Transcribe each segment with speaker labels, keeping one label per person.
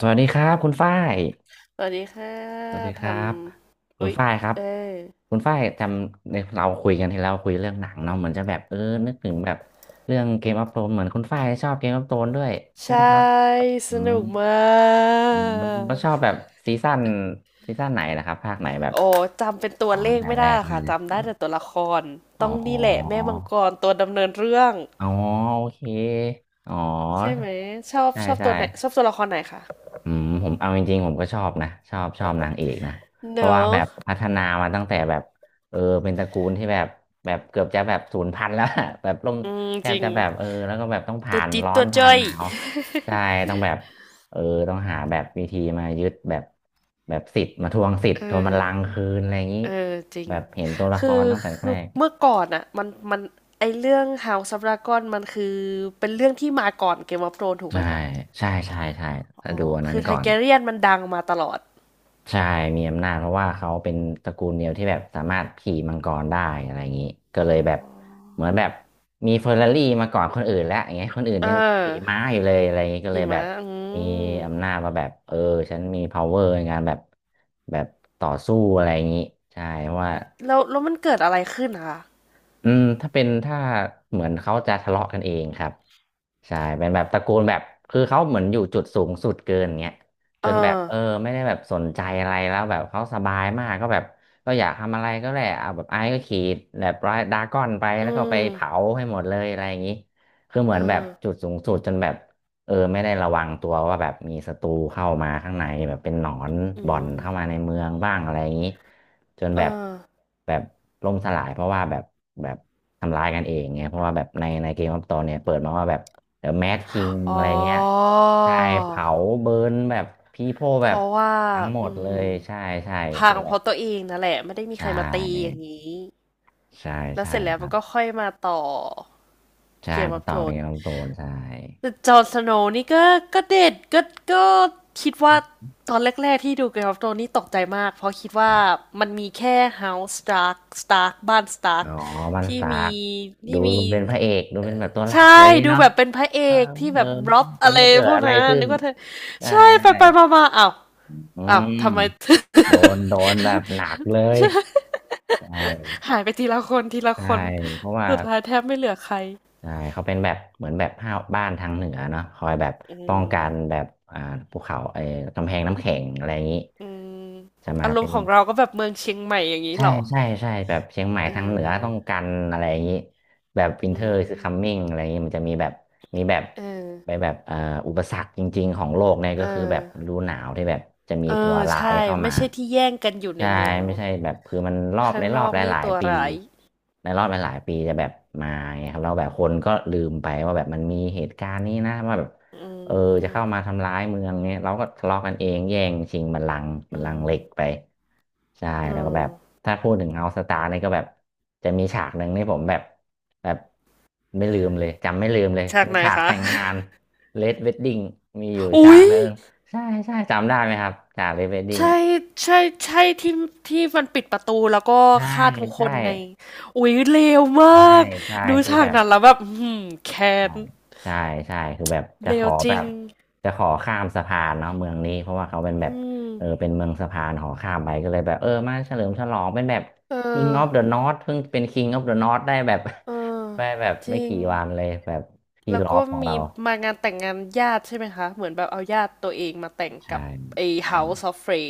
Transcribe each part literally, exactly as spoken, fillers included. Speaker 1: สวัสดีครับคุณฝ้าย
Speaker 2: สวัสดีค่ะ
Speaker 1: สวัสดีค
Speaker 2: ท
Speaker 1: รับ
Speaker 2: ำ
Speaker 1: คุณ
Speaker 2: อุ๊ย
Speaker 1: ฝ้ายครับ
Speaker 2: เออ
Speaker 1: คุณฝ้ายจำในเราคุยกันที่เราคุยเรื่องหนังเนาะเหมือนจะแบบเออนึกถึงแบบเรื่องเกมออฟโธรนเหมือนคุณฝ้ายชอบเกมออฟโธรนด้วยใช่ไห
Speaker 2: ใช่
Speaker 1: มครับ
Speaker 2: ส
Speaker 1: อืม
Speaker 2: นุกมา
Speaker 1: อืมแล้วชอบ
Speaker 2: ก
Speaker 1: แบบซีซั่นซีซั่นไหนนะครับภาคไหนแบบ
Speaker 2: โอ้ จำเป็นตัว
Speaker 1: อ๋อ
Speaker 2: เล
Speaker 1: ตั้ง
Speaker 2: ข
Speaker 1: แต่
Speaker 2: ไม่
Speaker 1: แร
Speaker 2: ได้ห
Speaker 1: ก
Speaker 2: รอก
Speaker 1: เล
Speaker 2: ค่ะ
Speaker 1: ย
Speaker 2: จำได้แต่ตัวละคร
Speaker 1: อ๋
Speaker 2: ต้
Speaker 1: อ
Speaker 2: องนี่แหละแม่มังกรตัวดำเนินเรื่อง
Speaker 1: อ๋อโอเคอ๋อ
Speaker 2: ใช่ไหมชอบ
Speaker 1: ใช่
Speaker 2: ชอบ
Speaker 1: ใช่
Speaker 2: ตัวไหนชอบตัวละครไหนคะ
Speaker 1: อืมผมเอาจริงๆผมก็ชอบนะชอบชอบนางเอกนะเพ
Speaker 2: เน
Speaker 1: ราะว่า
Speaker 2: อะ
Speaker 1: แบบพัฒนามาตั้งแต่แบบเออเป็นตระกูลที่แบบแบบเกือบจะแบบศูนย์พันธุ์แล้ว อะแบบลง
Speaker 2: อืม
Speaker 1: แท
Speaker 2: จ
Speaker 1: บ
Speaker 2: ริง
Speaker 1: จะแบบเออแล้วก็แบบต้อง
Speaker 2: ตั
Speaker 1: ผ่า
Speaker 2: ว
Speaker 1: น
Speaker 2: จิ๊ด
Speaker 1: ร้อ
Speaker 2: ตั
Speaker 1: น
Speaker 2: ว
Speaker 1: ผ่า
Speaker 2: จ้
Speaker 1: น
Speaker 2: อย
Speaker 1: หนาวใช่ต้องแบบเออต้องหาแบบวิธีมายึดแบบแบบสิทธิ์มาทวงสิท
Speaker 2: เอ
Speaker 1: ธิ์
Speaker 2: อ
Speaker 1: ทวงบัลลังก์คืนอะไรอย่างนี้
Speaker 2: เออจริง
Speaker 1: แบบเห็นตัวละค
Speaker 2: คือ
Speaker 1: รตั้งแต่
Speaker 2: คื
Speaker 1: แร
Speaker 2: อ
Speaker 1: ก
Speaker 2: เมื่อก่อนอะ มัน มันไอเรื่อง House of Dragon มันคือ เป็นเรื่องที่มาก่อน Game of Thrones ถูกไห
Speaker 1: ใช่
Speaker 2: มคะ
Speaker 1: ใช่ใช่ใช่ถ้า
Speaker 2: อ๋อ
Speaker 1: ดูอันนั้
Speaker 2: คื
Speaker 1: น
Speaker 2: อไท
Speaker 1: ก่อน
Speaker 2: เกเรียนมันดังมาตลอด
Speaker 1: ใช่ มีอำนาจเพราะว่าเขาเป็นตระกูลเดียวที่แบบสามารถขี่มังกรได้อะไรอย่างนี้ก็เลยแบบเหมือนแบบมีเฟอร์รารี่มาก่อนคนอื่นแล้วอย่างเงี้ยคนอื่น
Speaker 2: เอ
Speaker 1: ยังขี่
Speaker 2: อ
Speaker 1: ม้าอยู่เลยอะไรอย่างนี้ก็เล
Speaker 2: หิ
Speaker 1: ยแบ
Speaker 2: มะ
Speaker 1: บ
Speaker 2: อื
Speaker 1: มี
Speaker 2: ม
Speaker 1: อำนาจมาแบบเออฉันมี power ในการแบบแบบต่อสู้อะไรอย่างนี้ใช่เพราะว่า
Speaker 2: แล้วแล้วมันเกิดอะไรขึ้นอะคะ
Speaker 1: อืมถ้าเป็นถ้าเหมือนเขาจะทะเลาะกันเองครับใช่เป็นแบบตระกูลแบบคือเขาเหมือนอยู่จุดสูงสุดเกินเงี้ยจ
Speaker 2: เอ
Speaker 1: นแบบ
Speaker 2: อ
Speaker 1: เออไม่ได้แบบสนใจอะไรแล้วแบบเขาสบายมากก็แบบก็อยากทำอะไรก็แหละเอาแบบไอ้ก็ขี่แบบดราก้อนไป
Speaker 2: อื
Speaker 1: แล้วก็ไปเผา
Speaker 2: ม
Speaker 1: ให้หมดเลยอะไรอย่างนี้คือเห
Speaker 2: เอ
Speaker 1: มือนแบบ
Speaker 2: อ
Speaker 1: จุดสูงสุดจนแบบ เออไม่ได้ระวังตัวว่าแบบมีศัตรูเข้ามาข้างในแบบเป็นหนอน
Speaker 2: อื
Speaker 1: บ่อนเข้ามา
Speaker 2: ม
Speaker 1: ในเมืองบ้างอะไรอย่างนี้จน
Speaker 2: เออ
Speaker 1: แบบแบบล่มสลายเพราะว่าแบบแบบทำร้ายกันเองไงเพราะว่าแบบในในเกมออฟตอนเนี่ยเปิดมาว่าแบบเดี๋ยวแมดคิง
Speaker 2: อ๋
Speaker 1: อะ
Speaker 2: อ
Speaker 1: ไรเงี้ยใช่เผาเบิร์นแบบพีโพ
Speaker 2: เพ
Speaker 1: แบบ
Speaker 2: ราะว่า
Speaker 1: ทั้งหม
Speaker 2: อื
Speaker 1: ดเล
Speaker 2: ม
Speaker 1: ยใช่ใช่
Speaker 2: พั
Speaker 1: คือ
Speaker 2: ง
Speaker 1: แบ
Speaker 2: เพ
Speaker 1: บ
Speaker 2: ราะตัวเองนั่นแหละ ไม่ได้มี
Speaker 1: ใช
Speaker 2: ใครมาตีอย่า
Speaker 1: ่
Speaker 2: งนี้
Speaker 1: ใช่
Speaker 2: แล้ว
Speaker 1: ใช่
Speaker 2: เสร็จแล้ว
Speaker 1: ค
Speaker 2: มั
Speaker 1: รั
Speaker 2: น
Speaker 1: บ
Speaker 2: ก็ค่อยมาต่อ
Speaker 1: ใช่
Speaker 2: เกม
Speaker 1: มาต่
Speaker 2: t
Speaker 1: อ
Speaker 2: อ r
Speaker 1: เป็
Speaker 2: โ n e
Speaker 1: น
Speaker 2: น
Speaker 1: เกมออฟโตนใช่
Speaker 2: แต่จอห์นสโนว์นี่ก็ก็เด็ดก็ก็คิดว่าตอนแรกๆที่ดู Game of Thrones นี่ตกใจมากเพราะคิดว่ามันมีแค่ House Stark Stark บ้าน
Speaker 1: อ๋
Speaker 2: Stark
Speaker 1: อมันส
Speaker 2: ที่
Speaker 1: ตาร์
Speaker 2: มี
Speaker 1: คดู
Speaker 2: ที่มี
Speaker 1: เป็นพระเอกดูเป็นแบบตัวหลั
Speaker 2: ใช่
Speaker 1: กอะไรอย่างงี้
Speaker 2: ดู
Speaker 1: เนาะ
Speaker 2: แบบเป็นพระเอ
Speaker 1: เออ
Speaker 2: กที่
Speaker 1: เอ
Speaker 2: แบ
Speaker 1: อ
Speaker 2: บร็อบ
Speaker 1: จะ
Speaker 2: อะไร
Speaker 1: ไม่เกิ
Speaker 2: พ
Speaker 1: ด
Speaker 2: วก
Speaker 1: อะไร
Speaker 2: นั้น
Speaker 1: ขึ้น
Speaker 2: นึกว่าเธอ
Speaker 1: ได้
Speaker 2: ใช่
Speaker 1: ได้
Speaker 2: ไปไปมามาอ้าว
Speaker 1: อื
Speaker 2: อ้าว
Speaker 1: ม
Speaker 2: ทำไม
Speaker 1: โดนโดนแบบ หนักเลยใช่
Speaker 2: หายไปทีละคนทีละ
Speaker 1: ใช่
Speaker 2: คน
Speaker 1: เพราะว่า
Speaker 2: สุดท้ายแทบไม่เหลือใคร
Speaker 1: ใช่เขาเป็นแบบเหมือนแบบห้าวบ้านทางเหนือเนาะคอยแบบ
Speaker 2: อื
Speaker 1: ป้องกันแบ
Speaker 2: ม
Speaker 1: บอ่าภูเขาไอ้กำแพงน้ำแข็งอะไรอย่างงี้
Speaker 2: อืม
Speaker 1: จะมา
Speaker 2: อารม
Speaker 1: เป็
Speaker 2: ณ์
Speaker 1: น
Speaker 2: ของเราก็แบบเมืองเชียงใหม่อย่างนี้
Speaker 1: ใช่
Speaker 2: เหรอ
Speaker 1: ใช่ใช่แบบเชียงใหม่
Speaker 2: เ
Speaker 1: ทางเหนือต้อง
Speaker 2: ออ
Speaker 1: กันอะไรอย่างนี้แบบวิน
Speaker 2: อื
Speaker 1: เทอร์คือ
Speaker 2: ม
Speaker 1: คัมมิ่งอะไรอย่างนี้มันจะมีแบบมีแบบ
Speaker 2: เออ
Speaker 1: ไปแบบเอ่ออุปสรรคจริงๆของโลกเนี่ย
Speaker 2: เอ
Speaker 1: ก็คือแบ
Speaker 2: อ
Speaker 1: บฤดูหนาวที่แบบจะมี
Speaker 2: เอ
Speaker 1: ตัว
Speaker 2: อ
Speaker 1: ร้าย
Speaker 2: ใช่
Speaker 1: เข้า
Speaker 2: ไม่
Speaker 1: มา
Speaker 2: ใช่ที่แย่งกันอยู่ใน
Speaker 1: ใช่
Speaker 2: เมือง
Speaker 1: ไม่
Speaker 2: เนาะ
Speaker 1: ใช่แบบคือมันรอบ
Speaker 2: ข้า
Speaker 1: ใน
Speaker 2: ง
Speaker 1: ร
Speaker 2: น
Speaker 1: อ
Speaker 2: อ
Speaker 1: บ
Speaker 2: ก
Speaker 1: ห
Speaker 2: นี่
Speaker 1: ลาย
Speaker 2: ตัว
Speaker 1: ๆปี
Speaker 2: ร้าย
Speaker 1: ในรอบหลายๆปีจะแบบมาไงครับแล้วแบบคนก็ลืมไปว่าแบบมันมีเหตุการณ์นี้นะว่าแบบ
Speaker 2: อื
Speaker 1: เออจะเข้า
Speaker 2: ม
Speaker 1: มาทำร้ายเมืองเนี่ยเราก็ทะเลาะกันเองแย่งชิงบัลลังก์บัล
Speaker 2: อื
Speaker 1: ลังก์
Speaker 2: ม
Speaker 1: เหล็กไปใช่
Speaker 2: อื
Speaker 1: แล้วก็แบบ
Speaker 2: ม
Speaker 1: ถ้าพูดถึงเฮาสตาร์นี่ก็แบบจะมีฉากหนึ่งนี่ผมแบบแบบไม่ลืมเลยจำไม่ลืมเลย
Speaker 2: ฉา
Speaker 1: เป็
Speaker 2: ก
Speaker 1: น
Speaker 2: ไหน
Speaker 1: ฉาก
Speaker 2: คะ
Speaker 1: แต่งงานเลดเวดดิ้งมีอยู่ ฉา
Speaker 2: อุ๊
Speaker 1: ก
Speaker 2: ย
Speaker 1: หนึ่งใช่ใช่จำได้ไหมครับฉากเลดเวดดิ้ง
Speaker 2: ใช่ใช่ใช่ที่ที่มันปิดประตูแล้วก็
Speaker 1: ใช่
Speaker 2: ฆ่าทุกค
Speaker 1: ใช่
Speaker 2: นในอุ๊ยเลวมา
Speaker 1: ใช่
Speaker 2: ก
Speaker 1: ใช่
Speaker 2: ดู
Speaker 1: ที่
Speaker 2: ฉา
Speaker 1: แบ
Speaker 2: ก
Speaker 1: บ
Speaker 2: นั้นแล้วแบบอือหือแค้
Speaker 1: ใช่
Speaker 2: น
Speaker 1: ใช่ใช่คือแบบจะ
Speaker 2: เล
Speaker 1: ข
Speaker 2: ว
Speaker 1: อ
Speaker 2: จ
Speaker 1: แบ
Speaker 2: ริง
Speaker 1: บจะขอข้ามสะพานเนาะเมืองนี้เพราะว่าเขาเป็นแบ
Speaker 2: อื
Speaker 1: บ
Speaker 2: ม
Speaker 1: เออเป็นเมืองสะพานขอข้ามไปก็เลยแบบเออมาเฉลิมฉลองเป็นแบบ
Speaker 2: เอ
Speaker 1: King
Speaker 2: อ
Speaker 1: of the North เพิ่งเป็น King of the North ได้แบบ
Speaker 2: เออ
Speaker 1: ได้แบบ
Speaker 2: จ
Speaker 1: ไม่
Speaker 2: ริง
Speaker 1: กี่วันเลยแบบที่
Speaker 2: แล้ว
Speaker 1: รอ
Speaker 2: ก็
Speaker 1: บของ
Speaker 2: มี
Speaker 1: เรา
Speaker 2: มางานแต่งงานญาติใช่ไหมคะเหมือนแบบเอาญาติตัวเองมาแต่งกั
Speaker 1: ใช่
Speaker 2: บไอ้
Speaker 1: ใช่
Speaker 2: House of Frey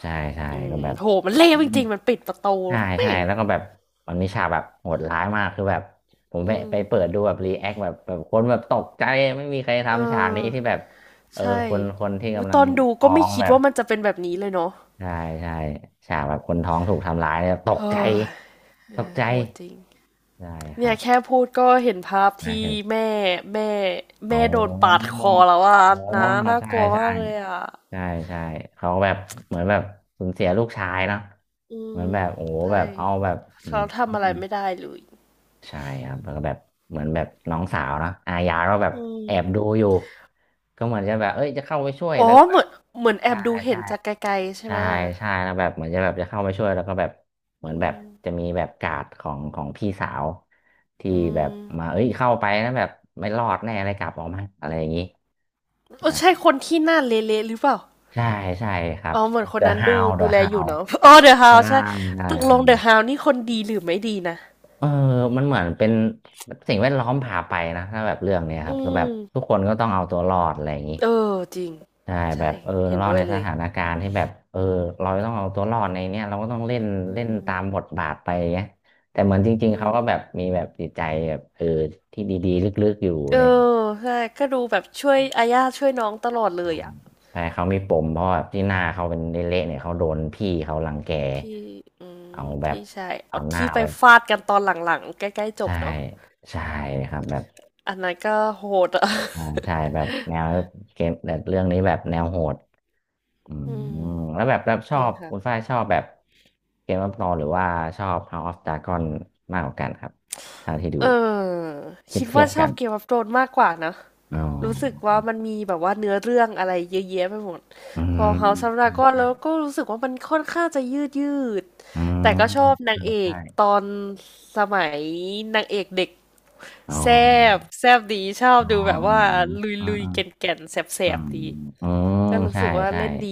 Speaker 1: ใช่ใช่
Speaker 2: อื
Speaker 1: ก็
Speaker 2: ม
Speaker 1: แบบ
Speaker 2: โหมันเลวจริงๆมันปิดประตู
Speaker 1: ใช่
Speaker 2: แม่
Speaker 1: ใช่แล้วก็แบบมันมีฉากแบบโหดร้ายมากคือแบบผมไป
Speaker 2: อืม
Speaker 1: ไปเปิดดูแบบรีแอคแบบแบบคนแบบตกใจไม่มีใคร
Speaker 2: เอ
Speaker 1: ทำฉากนี้
Speaker 2: อ
Speaker 1: ที่แบบเออ
Speaker 2: ใช่
Speaker 1: คนคนที่
Speaker 2: อุ๊ย
Speaker 1: กำลั
Speaker 2: ต
Speaker 1: ง
Speaker 2: อนดูก็
Speaker 1: ท้อ
Speaker 2: ไม่
Speaker 1: ง
Speaker 2: คิ
Speaker 1: แบ
Speaker 2: ด
Speaker 1: บ
Speaker 2: ว่ามันจะเป็นแบบนี้เลยเนาะ
Speaker 1: ใช่ใช่ฉากแบบคนท้องถูกทำร้ายเนี่ยตกใจ
Speaker 2: เฮ้ย
Speaker 1: ตกใจ
Speaker 2: โหดจริง
Speaker 1: ใช่ครั
Speaker 2: เนี่ย
Speaker 1: บ
Speaker 2: แค่พูดก็เห็นภาพ
Speaker 1: นะ
Speaker 2: ที่
Speaker 1: เห็น
Speaker 2: แม่แม่
Speaker 1: อ๋อ
Speaker 2: แม่โดนปาดคอแล้วอ่ะ
Speaker 1: อ๋อ
Speaker 2: นะน่าก
Speaker 1: ใช่
Speaker 2: ลัว
Speaker 1: ใช่
Speaker 2: มากเลยอ่ะ
Speaker 1: ใช่ใช่เขาแบบเหมือนแบบสูญเสียลูกชายเนาะ
Speaker 2: อื
Speaker 1: เหมือ
Speaker 2: ม
Speaker 1: นแบบโอ้โห
Speaker 2: ใช่
Speaker 1: แบบเอาแบบอื
Speaker 2: เขาทำอะไร
Speaker 1: ม
Speaker 2: ไม่ได้เลย
Speaker 1: ใช่ครับแล้วก็แบบเหมือนแบบน้องสาวเนอะอายาก็แบบ
Speaker 2: อื
Speaker 1: แอบดู
Speaker 2: ม
Speaker 1: อยู่ก็เหมือนจะแบบเอ้ยจะเข้าไปช่วย
Speaker 2: อ๋อ
Speaker 1: แล้วก็แบ
Speaker 2: เหมื
Speaker 1: บ
Speaker 2: อนเหมือนแอ
Speaker 1: ใช่
Speaker 2: บดูเห็
Speaker 1: ใช่
Speaker 2: นจากไกลๆใช่
Speaker 1: ใช่
Speaker 2: ไหม
Speaker 1: ใช่แล้วแบบเหมือนจะแบบจะเข้าไปช่วยแล้วก็แบบเหมื
Speaker 2: อื
Speaker 1: อนแบบ
Speaker 2: ม
Speaker 1: จะมีแบบการ์ดของของพี่สาวที่
Speaker 2: อื
Speaker 1: แบบมา
Speaker 2: ม
Speaker 1: เอ้ยเข้าไปแล้วแบบไม่รอดแน่อะไรกลับออกมาอะไรอย่างนี้
Speaker 2: เออ
Speaker 1: นะ
Speaker 2: ใช่คนที่หน้าเละๆหรือเปล่า
Speaker 1: ใช่ใช่ครับ
Speaker 2: อ๋อเห
Speaker 1: ชื่
Speaker 2: มื
Speaker 1: อ
Speaker 2: อนคน
Speaker 1: The
Speaker 2: นั้นดู
Speaker 1: Hound The
Speaker 2: ดูแลอยู่
Speaker 1: Hound
Speaker 2: เนาะอ๋อเดอะฮาว
Speaker 1: ใช่
Speaker 2: ใช่
Speaker 1: ใช่
Speaker 2: ตก
Speaker 1: ค
Speaker 2: ล
Speaker 1: รั
Speaker 2: งเดอะ
Speaker 1: บ
Speaker 2: ฮาวนี่คนดีหรือไม่ดีนะ
Speaker 1: เออมันเหมือนเป็นสิ่งแวดล้อมพาไปนะถ้าแบบเรื่องเนี้ยค
Speaker 2: อื
Speaker 1: รับคือแบบ
Speaker 2: ม
Speaker 1: ทุกคนก็ต้องเอาตัวรอดอะไรอย่างนี้
Speaker 2: เออจริง
Speaker 1: ใช่แบ
Speaker 2: ใช่
Speaker 1: บเออ
Speaker 2: เห็
Speaker 1: ร
Speaker 2: น
Speaker 1: อด
Speaker 2: ด้ว
Speaker 1: ใน
Speaker 2: ยเล
Speaker 1: ส
Speaker 2: ย
Speaker 1: ถานการณ์ที่แบบเออเราต้องเอาตัวรอดในเนี้ยเราก็ต้องเล่น
Speaker 2: อื
Speaker 1: เล่น
Speaker 2: ม
Speaker 1: ตามบทบาทไปเงี้ยแต่เหมือนจริง
Speaker 2: อื
Speaker 1: ๆเขาก็แบบ
Speaker 2: ม
Speaker 1: มีแบบจิตใจแบบเออที่ดีๆลึกๆอยู่
Speaker 2: เอ
Speaker 1: ใน
Speaker 2: อใช่ก็ดูแบบช่วยอาญาช่วยน้องตลอดเล
Speaker 1: อ่า
Speaker 2: ยอ่ะ
Speaker 1: ใช่เขามีปมเพราะแบบที่หน้าเขาเป็นเละๆเนี่ยเขาโดนพี่เขารังแก
Speaker 2: พี่อื
Speaker 1: เอา
Speaker 2: ม
Speaker 1: แบบ
Speaker 2: พี่ชาย
Speaker 1: เอา
Speaker 2: เอา
Speaker 1: หน้า
Speaker 2: ที่ไป
Speaker 1: ไป
Speaker 2: ฟาดกันตอนหลังๆใกล้ๆจ
Speaker 1: ใช่
Speaker 2: บเนาะ
Speaker 1: ใช่ครับแบบ
Speaker 2: อันนั้นก็โหดอ่ะ
Speaker 1: อ่าใช่แบบแนวเกมแบบเรื่องนี้แบบแนวโหด อื ม
Speaker 2: อืม
Speaker 1: แล้วแบบแบบ ชอ
Speaker 2: เนี่ย
Speaker 1: บคุณฝ้า
Speaker 2: ค่ะ
Speaker 1: ยชอบแบบเกมอัฟโอรนหรือว่าชอบ House of Dragon มากกว่ากันครับเท่าที่ดู
Speaker 2: เออ
Speaker 1: เทีย
Speaker 2: คิ
Speaker 1: บ
Speaker 2: ด
Speaker 1: เทีย
Speaker 2: ว่า
Speaker 1: บ
Speaker 2: ช
Speaker 1: กั
Speaker 2: อบ
Speaker 1: น
Speaker 2: เกมออฟโธรนมากกว่านะ
Speaker 1: อ๋อ
Speaker 2: รู้สึกว่ามันมีแบบว่าเนื้อเรื่องอะไรเยอะแยะไปหมด
Speaker 1: อื
Speaker 2: พอ House of
Speaker 1: ม
Speaker 2: Dragon แล้วก็รู้สึกว่ามันค่อนข้างจะยืดยืดแต่ก็ชอบ
Speaker 1: ใช่ใช่อืม
Speaker 2: นา
Speaker 1: อื
Speaker 2: ง
Speaker 1: ม
Speaker 2: เอกตอ
Speaker 1: ใช่
Speaker 2: นสมัยนางเอกเด็ก
Speaker 1: อ๋อ
Speaker 2: แซบแซบดีชอบ
Speaker 1: อ๋อ
Speaker 2: ดูแบบ
Speaker 1: อื
Speaker 2: ว่า
Speaker 1: ม
Speaker 2: ลุย
Speaker 1: อ่า
Speaker 2: ลุย
Speaker 1: อ่า
Speaker 2: แก่นแก่นแสบแส
Speaker 1: อื
Speaker 2: บ
Speaker 1: ม
Speaker 2: ๆดี
Speaker 1: อืม
Speaker 2: ก็รู้
Speaker 1: ใช่
Speaker 2: สึกว่า
Speaker 1: ใช่
Speaker 2: เล่นดี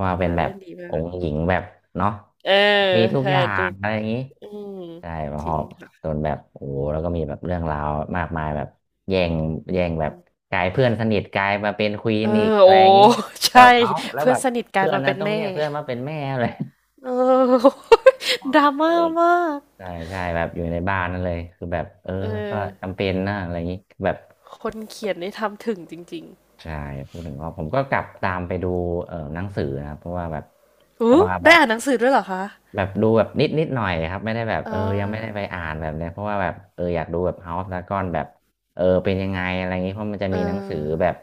Speaker 1: ว่า
Speaker 2: คน
Speaker 1: เป็น
Speaker 2: นั้น
Speaker 1: แบ
Speaker 2: เล่
Speaker 1: บ
Speaker 2: นดีมา
Speaker 1: อ
Speaker 2: ก
Speaker 1: งค์หญิงแบบเนาะ
Speaker 2: เออ
Speaker 1: มีทุก
Speaker 2: แต่
Speaker 1: อย่า
Speaker 2: ดู
Speaker 1: งอะไรอย่างนี้
Speaker 2: อืม
Speaker 1: ใช่พ
Speaker 2: จริ
Speaker 1: อ
Speaker 2: ง
Speaker 1: จ
Speaker 2: ค่ะ
Speaker 1: นแบบโอ้โหแล้วก็มีแบบเรื่องราวมากมายแบบแย่งแย่งแบบกลายเพื่อนสนิทกลายมาเป็นควี
Speaker 2: เอ
Speaker 1: น
Speaker 2: อ
Speaker 1: อีกอะ
Speaker 2: โอ้
Speaker 1: ไรอย่างนี้ แบ
Speaker 2: ใช่
Speaker 1: บเอ้าแล้ว
Speaker 2: เพื่อ
Speaker 1: แบ
Speaker 2: น
Speaker 1: บ
Speaker 2: สนิทกลาย
Speaker 1: เพื่อน
Speaker 2: มา
Speaker 1: นะ
Speaker 2: เป็น
Speaker 1: ต้อง
Speaker 2: แม่
Speaker 1: เรียกเพื่อนมาเป็นแม่เลย
Speaker 2: เออ ดราม่า มาก
Speaker 1: ใช่ใช่แบบอยู่ในบ้านนั่นเลยคือแบบเออ
Speaker 2: เอ
Speaker 1: ก็
Speaker 2: อ
Speaker 1: จำเป็นนะอะไรอย่างนี้แบบ
Speaker 2: คนเขียนนี่ทำถึงจริง
Speaker 1: ใช่พูดถึงก็ผมก็กลับตามไปดูเอ่อหนังสือนะครับเพราะว่าแบบ
Speaker 2: ๆ
Speaker 1: เพ
Speaker 2: อู้
Speaker 1: ราะว่าแบ
Speaker 2: ได้
Speaker 1: บ
Speaker 2: อ่านหนังสือด้วยเหรอคะ
Speaker 1: แบบดูแบบนิดนิดหน่อยครับไม่ได้แบบ
Speaker 2: อ่
Speaker 1: เออยังไม่ได้ไป
Speaker 2: า
Speaker 1: อ่านแบบเนี้ยเพราะว่าแบบเอออยากดูแบบ House of Dragon แบบเออเป็นยังไงอะไรอย่างงี้เพราะมันจะ
Speaker 2: เ
Speaker 1: มีหนังสือ
Speaker 2: ออ
Speaker 1: แบบ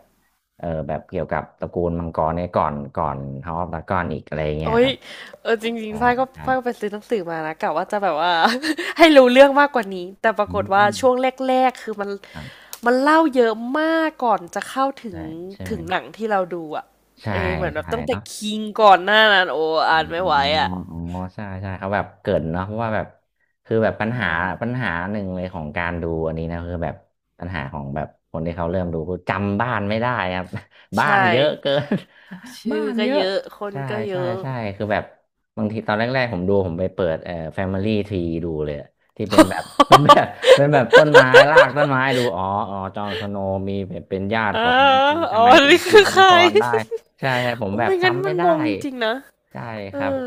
Speaker 1: เออแบบเกี่ยวกับตระกูลมังกรเนี่ยก่อนก่อน House of Dragon อีกอะไรอย่างเงี้ย
Speaker 2: โอ้
Speaker 1: ค
Speaker 2: ย
Speaker 1: รับ
Speaker 2: เออจริง
Speaker 1: ใช่
Speaker 2: ๆฝ้ายก็
Speaker 1: ใช่
Speaker 2: ฝ้ายก็ไปซื้อหนังสือมานะกะว่าจะแบบว่า ให้รู้เรื่องมากกว่านี้แต่ปรา
Speaker 1: อื
Speaker 2: กฏว่า
Speaker 1: ม
Speaker 2: ช่วงแรกๆคือมัน
Speaker 1: ครับ
Speaker 2: มันเล่าเยอะมากก่อนจะเข้าถึ
Speaker 1: ใช่
Speaker 2: ง
Speaker 1: ใช่ไหม
Speaker 2: ถึงหนังที่เราดูอ่ะ
Speaker 1: ใช่
Speaker 2: เออเหมือนแบบ
Speaker 1: ใช่
Speaker 2: ตั้งแต่
Speaker 1: เนาะ
Speaker 2: คิงก่อนหน้านั้นโอ้
Speaker 1: อ๋อ
Speaker 2: อ่านไม่ไหวอ่ะ
Speaker 1: อ๋อใช่ใช่เขาแบบเกรินเนาะเพราะว่าแบบคือแบบปัญ
Speaker 2: อื
Speaker 1: หา
Speaker 2: ม
Speaker 1: ปัญหาหนึ่งเลยของการดูอันนี้นะคือแบบปัญหาของแบบคนที่เขาเริ่มดูคือจำบ้านไม่ได้ครับ บ้า
Speaker 2: ใช่
Speaker 1: นเยอะเกิน บ้า
Speaker 2: ชื่อ
Speaker 1: น
Speaker 2: ก็
Speaker 1: เยอะ
Speaker 2: เยอะคน
Speaker 1: ใช่
Speaker 2: ก็เย
Speaker 1: ใช่
Speaker 2: อะ
Speaker 1: ใช่คือแบบบางทีตอนแรกๆผมดูผมไปเปิดเอ่อ Family Tree ดูเลยอะที่เป็นแบบ เป็นแบบเป็นแบบต้นไม้รากต้นไม้ดูอ๋ออ๋อจอห์นสโนว์มีแบบเป็นญาติ
Speaker 2: อ๋อ
Speaker 1: ของ
Speaker 2: อ๋
Speaker 1: ทำ
Speaker 2: อ
Speaker 1: ไมถึง
Speaker 2: นี่
Speaker 1: ขี
Speaker 2: คื
Speaker 1: ด
Speaker 2: อ
Speaker 1: มั
Speaker 2: ใค
Speaker 1: ง
Speaker 2: ร
Speaker 1: กรได้ ใช่ใช่ผ ม
Speaker 2: โอ้
Speaker 1: แบบ
Speaker 2: ไม่งั้น
Speaker 1: จำ
Speaker 2: มั
Speaker 1: ไม่
Speaker 2: น
Speaker 1: ได้
Speaker 2: งงจริงๆนะ
Speaker 1: ใช่
Speaker 2: เอ
Speaker 1: ครับ
Speaker 2: อ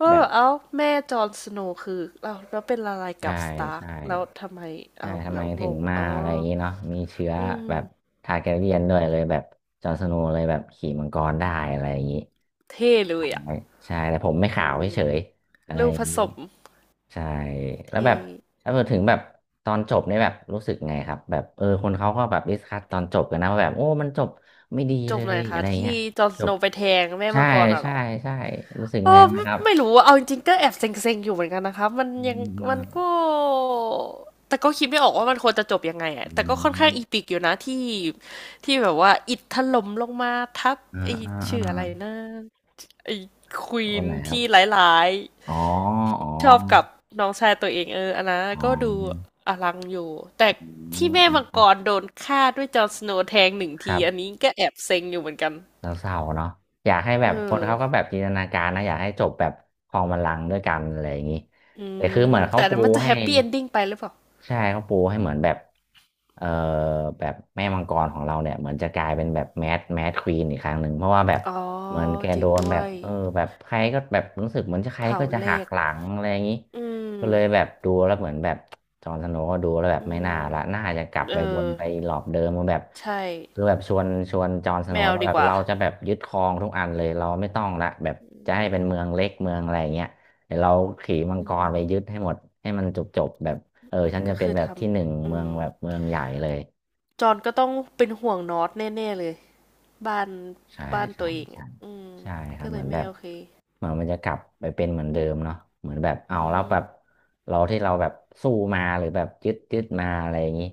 Speaker 2: ว่า
Speaker 1: แบ
Speaker 2: แบ
Speaker 1: บ
Speaker 2: บเอ้าแม่จอห์นสโนว์คือเอ้าแล้วเป็นอะไร
Speaker 1: ใช่
Speaker 2: กับสตาร์ก
Speaker 1: ใช่
Speaker 2: แล้วทำไม
Speaker 1: ใช่
Speaker 2: เอ้า
Speaker 1: ทำ
Speaker 2: แล้
Speaker 1: ไม
Speaker 2: วง
Speaker 1: ถึง
Speaker 2: ง
Speaker 1: มา
Speaker 2: อ๋อ
Speaker 1: อะไรอย่างนี้เนาะมีเชื้อ
Speaker 2: อืม
Speaker 1: แบบทาร์แกเรียนด้วยเลยแบบจอห์นสโนว์เลยแบบขี่มังกรได้อะไรอย่างนี้
Speaker 2: เท่เลยอ่ะ
Speaker 1: ใช่แต่ผมไม่ขา
Speaker 2: อื
Speaker 1: ว
Speaker 2: ม
Speaker 1: เฉยๆอะไร
Speaker 2: ลูก
Speaker 1: อ
Speaker 2: ผ
Speaker 1: ย่างนี้
Speaker 2: สม
Speaker 1: ใช่แล้ว
Speaker 2: เท่
Speaker 1: แบบแล้วพอถึงแบบตอนจบเนี่ยแบบรู้สึกไงครับแบบเออคนเขาก็แบบดิสคัสตอนจบกันนะว่าแบบโอ้มันจบไม่ดี
Speaker 2: จ
Speaker 1: เล
Speaker 2: บหน่
Speaker 1: ย
Speaker 2: อย
Speaker 1: อะ
Speaker 2: ค่ะ
Speaker 1: ไรเงี้
Speaker 2: ที่
Speaker 1: ย
Speaker 2: จอห์นส
Speaker 1: จ
Speaker 2: โน
Speaker 1: บ
Speaker 2: ว์ไปแทงแม่
Speaker 1: ใช่
Speaker 2: มังกรอ่ะเหร
Speaker 1: ใช่
Speaker 2: อ
Speaker 1: ใช่รู้สึก
Speaker 2: เอ
Speaker 1: ไง
Speaker 2: อ
Speaker 1: ไหม
Speaker 2: ไม่
Speaker 1: ครับ
Speaker 2: ไม่รู้อะเอาจริงๆก็แอบเซ็งๆอยู่เหมือนกันนะคะมัน
Speaker 1: อื
Speaker 2: ยังมัน
Speaker 1: ม
Speaker 2: ก็แต่ก็คิดไม่ออกว่ามันควรจะจบยังไงอะ
Speaker 1: อื
Speaker 2: แต่ก็ค่อนข้างอี
Speaker 1: ม
Speaker 2: ปิกอยู่นะที่ที่แบบว่าอิฐถล่มลงมาทับ
Speaker 1: อ่า
Speaker 2: ไอ้
Speaker 1: อ่าอ่า
Speaker 2: ชื่ออะไรนะไอ้ควี
Speaker 1: ตัว
Speaker 2: น
Speaker 1: ไหนครับ
Speaker 2: ที่ร้าย
Speaker 1: อ๋ออ๋อ
Speaker 2: ๆชอบกับน้องชายตัวเองเอออันนั้น
Speaker 1: อ๋
Speaker 2: ก็ดู
Speaker 1: อ
Speaker 2: อลังอยู่แต่
Speaker 1: อื
Speaker 2: ที่แม่มัง
Speaker 1: ม
Speaker 2: กรโดนฆ่าด้วยจอห์นสโนว์แทงหนึ่ง
Speaker 1: ค
Speaker 2: ที
Speaker 1: รับ
Speaker 2: อันนี้ก็แอบเซ็งอยู่เหมือนกัน
Speaker 1: แล้วเศร้าเนาะอยากให้แบ
Speaker 2: เอ
Speaker 1: บคน
Speaker 2: อ
Speaker 1: เขาก็แบบจินตนาการนะอยากให้จบแบบคลองบัลลังก์ด้วยกันอะไรอย่างนี้
Speaker 2: อื
Speaker 1: แต่คือเหมื
Speaker 2: ม
Speaker 1: อนเขา
Speaker 2: แต่อัน
Speaker 1: ปู
Speaker 2: นั้นมันจะแฮ
Speaker 1: ให้
Speaker 2: ปปี้เอนดิ้งไปหรือเปล่า
Speaker 1: ใช่เขาปูให้เหมือนแบบเอ่อแบบแม่มังกรของเราเนี่ยเหมือนจะกลายเป็นแบบแมดแมดควีนอีกครั้งหนึ่งเพราะว่าแบบ
Speaker 2: อ๋อ
Speaker 1: เหมือนแก
Speaker 2: จ
Speaker 1: โด
Speaker 2: ริง
Speaker 1: น
Speaker 2: ด้
Speaker 1: แบ
Speaker 2: ว
Speaker 1: บ
Speaker 2: ย
Speaker 1: เออแบบใครก็แบบรู้สึกเหมือนจะใคร
Speaker 2: เผา
Speaker 1: ก็จะ
Speaker 2: เล
Speaker 1: หัก
Speaker 2: ข
Speaker 1: หลังอะไรอย่างนี้
Speaker 2: อื
Speaker 1: ก็เลยแบ
Speaker 2: ม
Speaker 1: บดูแล้วเหมือนแบบจอห์นสโนว์ก็ดูแล้วแบบ
Speaker 2: อื
Speaker 1: ไม่น่าละ
Speaker 2: ม
Speaker 1: น่าจะกลับ
Speaker 2: เอ
Speaker 1: ไป
Speaker 2: อ
Speaker 1: วนไปหลอบเดิมมาแบบ
Speaker 2: ใช่
Speaker 1: คือแบบชวนชวนจอห์นสโน
Speaker 2: แม
Speaker 1: ว์
Speaker 2: ว
Speaker 1: แล้ว
Speaker 2: ดี
Speaker 1: แบ
Speaker 2: ก
Speaker 1: บ
Speaker 2: ว่า
Speaker 1: เราจะแบบยึดครองทุกอันเลยเราไม่ต้องละแบบจะให้เป็นเมืองเล็กเมืองอะไรอย่างเงี้ยเดี๋ยวเราขี่มัง
Speaker 2: อื
Speaker 1: กรไปยึ
Speaker 2: ม
Speaker 1: ดให้หมดให้มันจบจบแบบเออ
Speaker 2: อืม
Speaker 1: ฉันจะ
Speaker 2: ก็
Speaker 1: เป็น
Speaker 2: คือ
Speaker 1: แบ
Speaker 2: ท
Speaker 1: บที่หนึ่ง
Speaker 2: ำอื
Speaker 1: เมือง
Speaker 2: ม
Speaker 1: แบบเมืองใหญ่เลย
Speaker 2: จอนก็ต้องเป็นห่วงนอตแน่ๆเลยบ้าน
Speaker 1: ใช่
Speaker 2: บ้าน
Speaker 1: ใช่
Speaker 2: ตัวเอง
Speaker 1: ใช่
Speaker 2: อ่ะอืม
Speaker 1: ใช่ครั
Speaker 2: ก็
Speaker 1: บ
Speaker 2: เล
Speaker 1: เหมือ
Speaker 2: ย
Speaker 1: นแบ
Speaker 2: ไม่
Speaker 1: บ
Speaker 2: โอเค
Speaker 1: เหมือนมันจะกลับไปเป็นเหมือนเดิมเนาะเหมือนแบบเอา
Speaker 2: อื
Speaker 1: แล้ว
Speaker 2: ม
Speaker 1: แบบเราที่เราแบบสู้มาหรือแบบยึดยึดมาอะไรอย่างนี้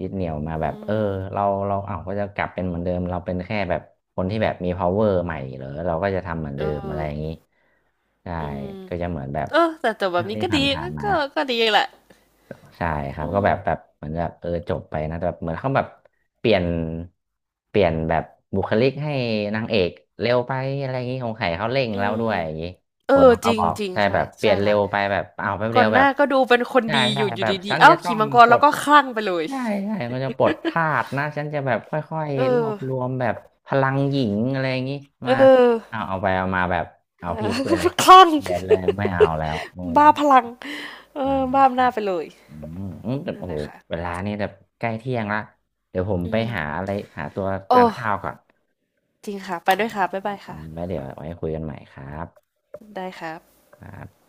Speaker 1: ยึดเหนี่ยวมา
Speaker 2: อื
Speaker 1: แบบเออ
Speaker 2: ม
Speaker 1: เราเราเอาก็จะกลับเป็นเหมือนเดิมเราเป็นแค่แบบคนที่แบบมี power ใหม่เหรอเราก็จะทำเหมือน
Speaker 2: เอ
Speaker 1: เดิมอะไร
Speaker 2: อ
Speaker 1: อย่างนี้ใช่
Speaker 2: อืม
Speaker 1: ก็จะเหมือนแบบ
Speaker 2: เออแต่แต่แบ
Speaker 1: เรื่
Speaker 2: บ
Speaker 1: อง
Speaker 2: นี้
Speaker 1: ที่
Speaker 2: ก็
Speaker 1: ผ
Speaker 2: ดี
Speaker 1: ่านๆมา
Speaker 2: ก็ก็ดีแหละ
Speaker 1: ใช่ครั
Speaker 2: อื
Speaker 1: บก็แบบแบบ
Speaker 2: ม
Speaker 1: เหมือนแบบเออจบไปนะแต่แบบเหมือนเขาแบบเปลี่ยนเปลี่ยนแบบบุคลิกให้นางเอกเร็วไปอะไรอย่างนี้ของไข่เขาเร่ง
Speaker 2: อื
Speaker 1: แล้วด้
Speaker 2: ม
Speaker 1: วยอย่างนี้
Speaker 2: เอ
Speaker 1: ค
Speaker 2: อ
Speaker 1: นเขา
Speaker 2: จ
Speaker 1: ก็
Speaker 2: ริ
Speaker 1: บ
Speaker 2: ง
Speaker 1: อก
Speaker 2: จริง
Speaker 1: ใช่แบ
Speaker 2: ค่ะ
Speaker 1: บเปลี่
Speaker 2: ใช่
Speaker 1: ยนเร็
Speaker 2: ค่ะ
Speaker 1: วไปแบบเอาวแป๊บเดี
Speaker 2: ก่อ
Speaker 1: ยว
Speaker 2: นห
Speaker 1: แบบ
Speaker 2: น้าก็ดูเป็นคน
Speaker 1: ใช่
Speaker 2: ดีอ
Speaker 1: ใช่
Speaker 2: ยู่อ
Speaker 1: แบ
Speaker 2: ยู่
Speaker 1: บ
Speaker 2: ดี
Speaker 1: ฉัน
Speaker 2: ๆ เอ้า
Speaker 1: จะต้อ
Speaker 2: ขี่
Speaker 1: ง
Speaker 2: มังกร
Speaker 1: ปล
Speaker 2: แล้ว
Speaker 1: ด
Speaker 2: ก็คลั่งไปเลย
Speaker 1: ใช่ใช่ก็จะปลดทาสนะฉันจะแบบค่อย
Speaker 2: เอ
Speaker 1: ๆรว
Speaker 2: อ
Speaker 1: บรวมแบบพลังหญิงอะไรอย่างนี้
Speaker 2: เอ
Speaker 1: มา
Speaker 2: อ
Speaker 1: เอาเอาไปเอามาแบบเอา
Speaker 2: เอ
Speaker 1: พลิ
Speaker 2: อ
Speaker 1: กเลย
Speaker 2: คลั่ง
Speaker 1: เป ลี่ยนเลยไม่เอาแล้วโอ้
Speaker 2: บ้าพลังเอ
Speaker 1: ใ
Speaker 2: อบ้าอำ
Speaker 1: ช่
Speaker 2: นาจไปเลย
Speaker 1: อืมอืมแต่
Speaker 2: นั่น
Speaker 1: โอ้
Speaker 2: แห
Speaker 1: โห
Speaker 2: ละค่ะ
Speaker 1: เวลานี่แบบใกล้เที่ยงละเดี๋ยวผม
Speaker 2: อื
Speaker 1: ไปหา
Speaker 2: ม
Speaker 1: อะไรหาตัวทา
Speaker 2: โอ้
Speaker 1: นข้าวก่อน
Speaker 2: จริงค่ะไปด้วยค่ะ บ๊าย
Speaker 1: ไ
Speaker 2: บายค่ะ
Speaker 1: ว้เดี๋ยวไว้คุยกันใหม่ครับ
Speaker 2: ได้ครับ
Speaker 1: ครับ